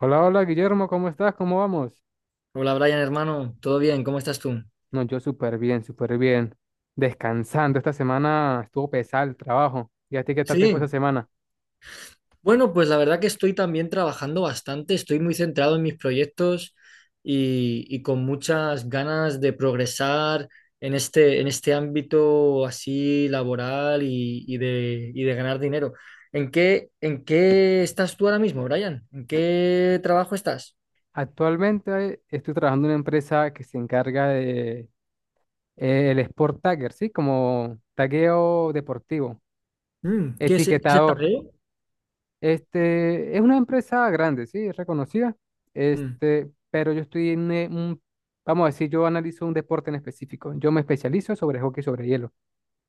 Hola, hola Guillermo, ¿cómo estás? ¿Cómo vamos? Hola Brian, hermano, ¿todo bien? ¿Cómo estás tú? No, yo súper bien, súper bien. Descansando, esta semana estuvo pesado el trabajo. ¿Y a ti qué tal te fue esta Sí, semana? bueno, pues la verdad que estoy también trabajando bastante, estoy muy centrado en mis proyectos y con muchas ganas de progresar en este ámbito así laboral y de ganar dinero. ¿ en qué estás tú ahora mismo, Brian? ¿En qué trabajo estás? Actualmente estoy trabajando en una empresa que se encarga de el Sport Tagger, ¿sí? Como tagueo deportivo, ¿ qué es el etiquetador. tadeo? Es una empresa grande, ¿sí? Es reconocida. Mm. Pero yo estoy en vamos a decir, yo analizo un deporte en específico. Yo me especializo sobre hockey sobre hielo.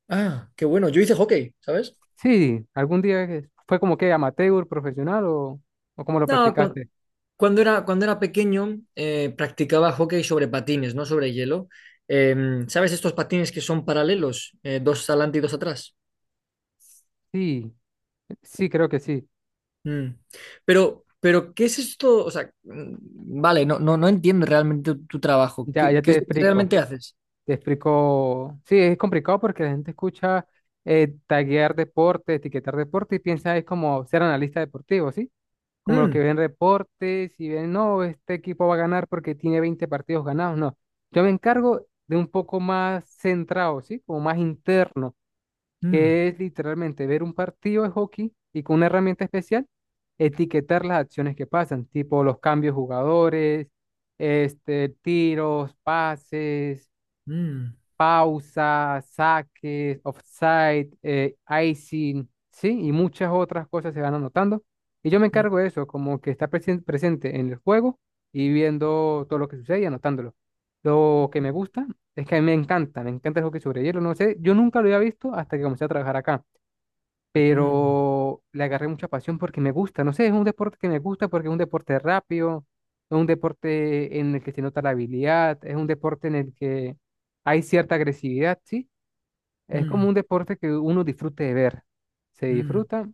Ah, qué bueno, yo hice hockey, ¿sabes? Sí, fue como que amateur, profesional, o cómo lo No, cu- practicaste. Cuando era pequeño practicaba hockey sobre patines, no sobre hielo. ¿Sabes estos patines que son paralelos? Dos adelante y dos atrás. Sí, sí, creo que sí. Mm. ¿Qué es esto? O sea, vale, no entiendo realmente tu trabajo. Ya, ¿Qué, ya qué te es lo que explico. realmente haces? Te explico. Sí, es complicado porque la gente escucha taguear deporte, etiquetar deporte y piensa es como ser analista deportivo, ¿sí? Como los que Mm, ven reportes y ven, no, este equipo va a ganar porque tiene 20 partidos ganados. No, yo me encargo de un poco más centrado, ¿sí? Como más interno, mm, que es literalmente ver un partido de hockey y con una herramienta especial etiquetar las acciones que pasan, tipo los cambios de jugadores, tiros, pases, mm, pausas, saques, offside, icing, ¿sí? Y muchas otras cosas se van anotando. Y yo me mm, encargo de eso, como que está presente en el juego y viendo todo lo que sucede y anotándolo. Lo que me gusta es que a mí me encanta el hockey sobre hielo, no sé, yo nunca lo había visto hasta que comencé a trabajar acá, mm, pero le agarré mucha pasión porque me gusta, no sé, es un deporte que me gusta porque es un deporte rápido, es un deporte en el que se nota la habilidad, es un deporte en el que hay cierta agresividad, ¿sí? Es como mm, un deporte que uno disfrute de ver, se mm. disfruta,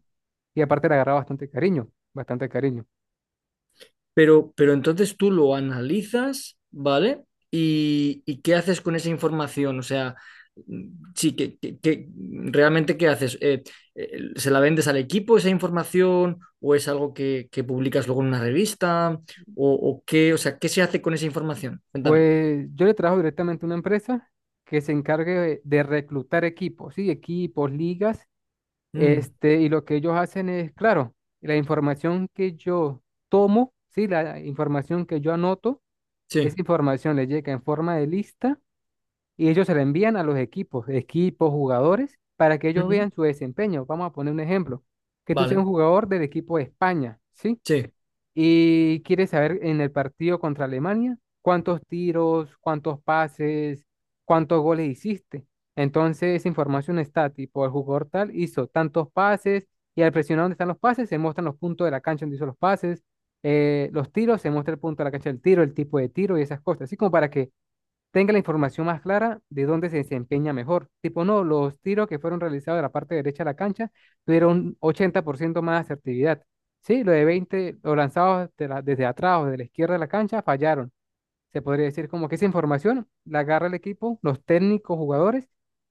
y aparte le agarra bastante cariño, bastante cariño. Pero entonces tú lo analizas, ¿vale? ¿Y qué haces con esa información? O sea, sí, ¿ realmente qué haces? ¿Se la vendes al equipo esa información? ¿O es algo que publicas luego en una revista? ¿O qué? O sea, ¿qué se hace con esa información? Cuéntame. Pues yo le trabajo directamente a una empresa que se encargue de reclutar equipos, ¿sí? Equipos, ligas. Mm, Y lo que ellos hacen es, claro, la información que yo tomo, sí, la información que yo anoto, esa sí. información le llega en forma de lista y ellos se la envían a los equipos, equipos, jugadores, para que ellos Ujú. vean su desempeño. Vamos a poner un ejemplo, que tú seas un Vale. jugador del equipo de España, ¿sí? Sí. Y quiere saber en el partido contra Alemania cuántos tiros, cuántos pases, cuántos goles hiciste. Entonces, esa información está tipo, el jugador tal hizo tantos pases, y al presionar dónde están los pases se muestran los puntos de la cancha donde hizo los pases, los tiros, se muestra el punto de la cancha del tiro, el tipo de tiro y esas cosas. Así como para que tenga la información más clara de dónde se desempeña mejor. Tipo, no, los tiros que fueron realizados de la parte derecha de la cancha tuvieron 80% más asertividad. Sí, lo de 20, los lanzados desde atrás o de la izquierda de la cancha fallaron. Se podría decir como que esa información la agarra el equipo, los técnicos, jugadores,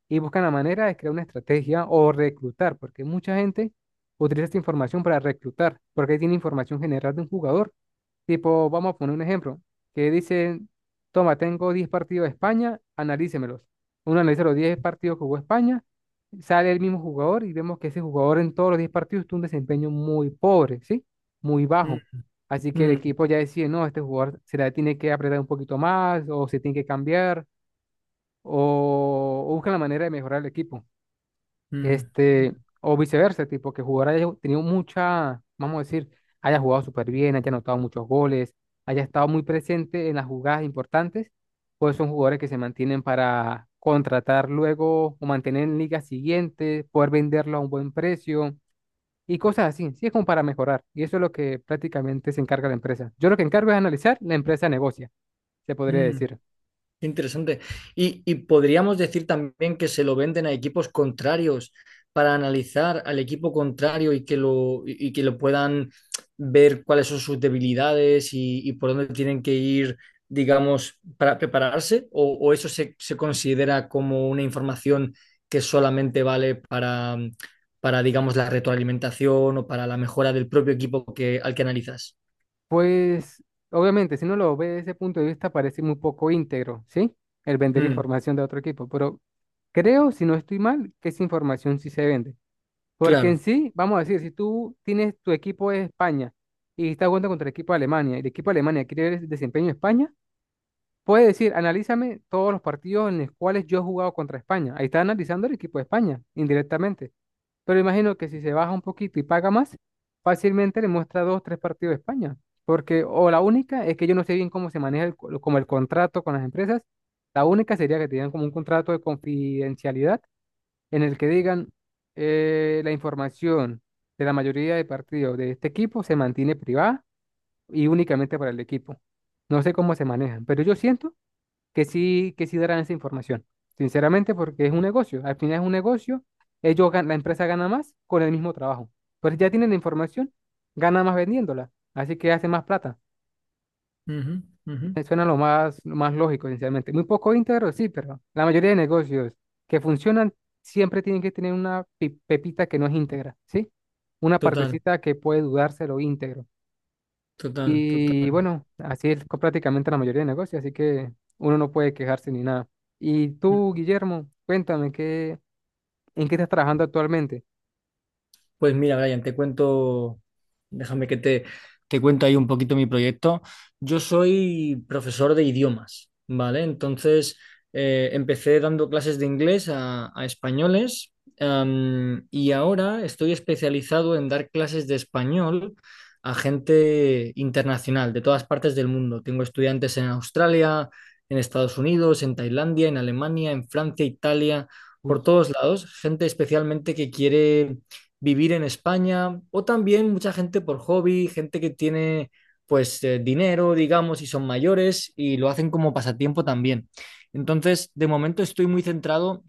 y buscan la manera de crear una estrategia o reclutar, porque mucha gente utiliza esta información para reclutar, porque ahí tiene información general de un jugador. Tipo, vamos a poner un ejemplo, que dice, toma, tengo 10 partidos de España, analícemelos. Uno analiza los 10 partidos que jugó España, sale el mismo jugador y vemos que ese jugador en todos los 10 partidos tuvo un desempeño muy pobre, ¿sí? Muy Mm, bajo. Así que el mm, equipo ya decide, no, este jugador se la tiene que apretar un poquito más o se tiene que cambiar, o busca la manera de mejorar el equipo. mm, Este, o viceversa, tipo que el jugador haya tenido mucha, vamos a decir, haya jugado súper bien, haya anotado muchos goles, haya estado muy presente en las jugadas importantes, pues son jugadores que se mantienen para contratar luego o mantener en ligas siguientes, poder venderlo a un buen precio y cosas así. Sí, es como para mejorar. Y eso es lo que prácticamente se encarga la empresa. Yo lo que encargo es analizar, la empresa negocia, se podría mm, decir. qué Interesante. Y podríamos decir también que se lo venden a equipos contrarios para analizar al equipo contrario y que lo puedan ver cuáles son sus debilidades y por dónde tienen que ir, digamos, para prepararse, o eso se considera como una información que solamente vale digamos, la retroalimentación o para la mejora del propio equipo que, al que analizas. Pues, obviamente, si uno lo ve desde ese punto de vista, parece muy poco íntegro, ¿sí? El vender Mm, información de otro equipo. Pero creo, si no estoy mal, que esa información sí se vende. Porque en claro. sí, vamos a decir, si tú tienes tu equipo de España y estás jugando contra el equipo de Alemania y el equipo de Alemania quiere ver el desempeño de España, puede decir, analízame todos los partidos en los cuales yo he jugado contra España. Ahí está analizando el equipo de España, indirectamente. Pero imagino que si se baja un poquito y paga más, fácilmente le muestra dos, tres partidos de España. Porque, o la única es que yo no sé bien cómo se maneja como el contrato con las empresas. La única sería que tengan como un contrato de confidencialidad en el que digan la información de la mayoría de partidos de este equipo se mantiene privada y únicamente para el equipo. No sé cómo se manejan, pero yo siento que sí darán esa información, sinceramente, porque es un negocio. Al final es un negocio, la empresa gana más con el mismo trabajo. Pero si ya tienen la información, gana más vendiéndola, así que hace más plata. Ujú, ujú. Me suena lo más lógico, sinceramente. Muy poco íntegro, sí, pero la mayoría de negocios que funcionan siempre tienen que tener una pepita que no es íntegra, ¿sí? Una Total, partecita que puede dudarse lo íntegro. total, Y total. bueno, así es prácticamente la mayoría de negocios, así que uno no puede quejarse ni nada. Y tú, Guillermo, cuéntame, en qué estás trabajando actualmente? Pues mira, Brian, te cuento, déjame que te, te cuento ahí un poquito mi proyecto. Yo soy profesor de idiomas, ¿vale? Entonces, empecé dando clases de inglés a españoles, y ahora estoy especializado en dar clases de español a gente internacional, de todas partes del mundo. Tengo estudiantes en Australia, en Estados Unidos, en Tailandia, en Alemania, en Francia, Italia, Uy. por todos lados, gente especialmente que quiere vivir en España o también mucha gente por hobby, gente que tiene pues dinero, digamos, y son mayores y lo hacen como pasatiempo también. Entonces, de momento estoy muy centrado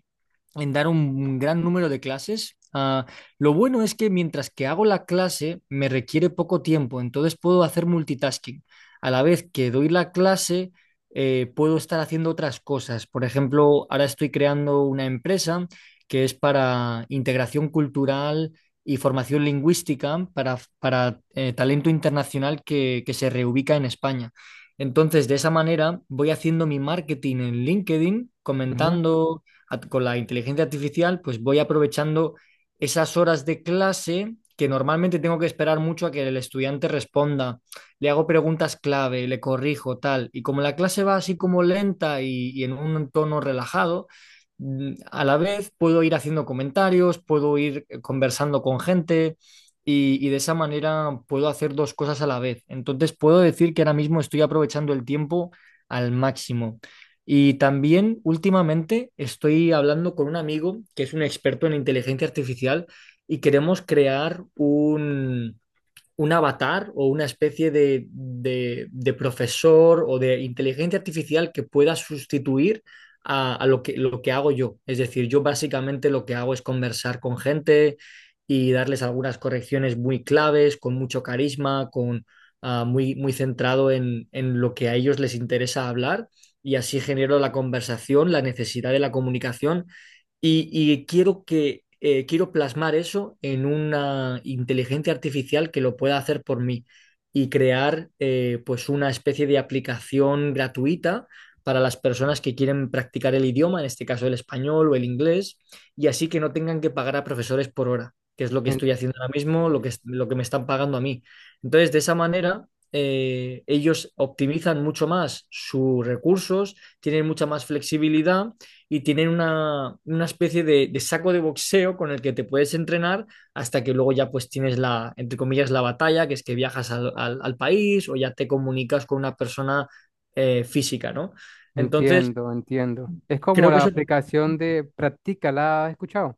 en dar un gran número de clases. Lo bueno es que mientras que hago la clase me requiere poco tiempo, entonces puedo hacer multitasking. A la vez que doy la clase, puedo estar haciendo otras cosas. Por ejemplo, ahora estoy creando una empresa que es para integración cultural y formación lingüística para talento internacional que se reubica en España. Entonces, de esa manera voy haciendo mi marketing en LinkedIn, Ujú, comentando con la inteligencia artificial, pues voy aprovechando esas horas de clase que normalmente tengo que esperar mucho a que el estudiante responda. Le hago preguntas clave, le corrijo, tal. Y como la clase va así como lenta y en un tono relajado, a la vez puedo ir haciendo comentarios, puedo ir conversando con gente y de esa manera puedo hacer dos cosas a la vez. Entonces puedo decir que ahora mismo estoy aprovechando el tiempo al máximo. Y también últimamente estoy hablando con un amigo que es un experto en inteligencia artificial y queremos crear un avatar o una especie de profesor o de inteligencia artificial que pueda sustituir a lo que hago yo. Es decir, yo básicamente lo que hago es conversar con gente y darles algunas correcciones muy claves, con mucho carisma, con, muy centrado en lo que a ellos les interesa hablar y así genero la conversación, la necesidad de la comunicación y quiero que quiero plasmar eso en una inteligencia artificial que lo pueda hacer por mí y crear pues una especie de aplicación gratuita para las personas que quieren practicar el idioma, en este caso el español o el inglés, y así que no tengan que pagar a profesores por hora, que es lo que en- estoy haciendo ahora mismo, lo que me están pagando a mí. Entonces, de esa manera, ellos optimizan mucho más sus recursos, tienen mucha más flexibilidad y tienen una especie de saco de boxeo con el que te puedes entrenar hasta que luego ya pues tienes la, entre comillas, la batalla, que es que viajas al país o ya te comunicas con una persona física, ¿no? Entonces, entiendo, entiendo. Es como creo que la eso... aplicación de Practica, ¿la has escuchado?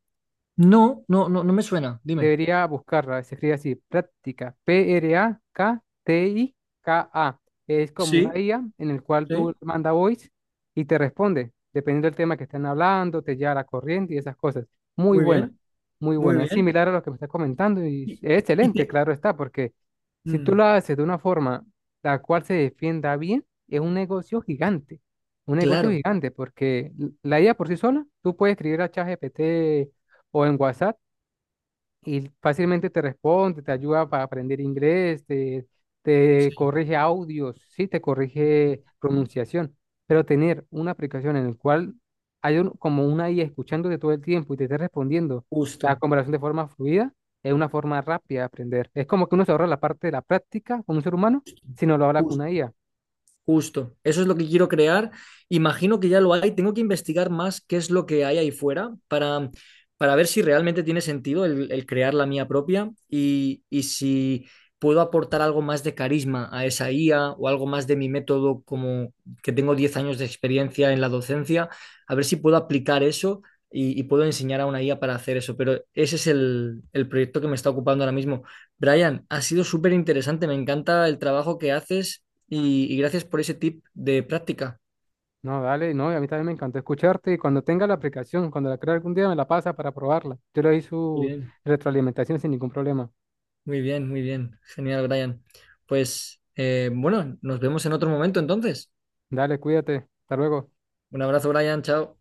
No me suena, dime. Debería buscarla, se escribe así, práctica, P-R-A-K-T-I-K-A. Es como Sí, una IA en el cual tú sí, manda voice y te responde, dependiendo del tema que estén hablando, te lleva a la corriente y esas cosas. Muy muy buena, bien, muy muy buena. Es bien. similar a lo que me estás comentando y Y, es y excelente, te... claro está, porque si tú Mm, lo haces de una forma la cual se defienda bien, es un negocio claro, gigante, porque la IA por sí sola, tú puedes escribir a ChatGPT o en WhatsApp y fácilmente te responde, te ayuda para aprender inglés, te, sí, corrige audios, sí, te corrige pronunciación, pero tener una aplicación en la cual hay como una IA escuchándote todo el tiempo y te esté respondiendo justo. la conversación de forma fluida, es una forma rápida de aprender. Es como que uno se ahorra la parte de la práctica con un ser humano si no lo habla con una IA. Justo, eso es lo que quiero crear. Imagino que ya lo hay. Tengo que investigar más qué es lo que hay ahí fuera para ver si realmente tiene sentido el crear la mía propia y si puedo aportar algo más de carisma a esa IA o algo más de mi método, como que tengo 10 años de experiencia en la docencia, a ver si puedo aplicar eso y puedo enseñar a una IA para hacer eso. Pero ese es el proyecto que me está ocupando ahora mismo. Brian, ha sido súper interesante, me encanta el trabajo que haces y gracias por ese tip de práctica. No, dale, no, y a mí también me encantó escucharte y cuando tenga la aplicación, cuando la crea algún día me la pasa para probarla. Yo le doy Muy su bien. retroalimentación sin ningún problema. Muy bien, muy bien. Genial, Brian. Pues bueno, nos vemos en otro momento entonces. Dale, cuídate. Hasta luego. Un abrazo, Brian. Chao.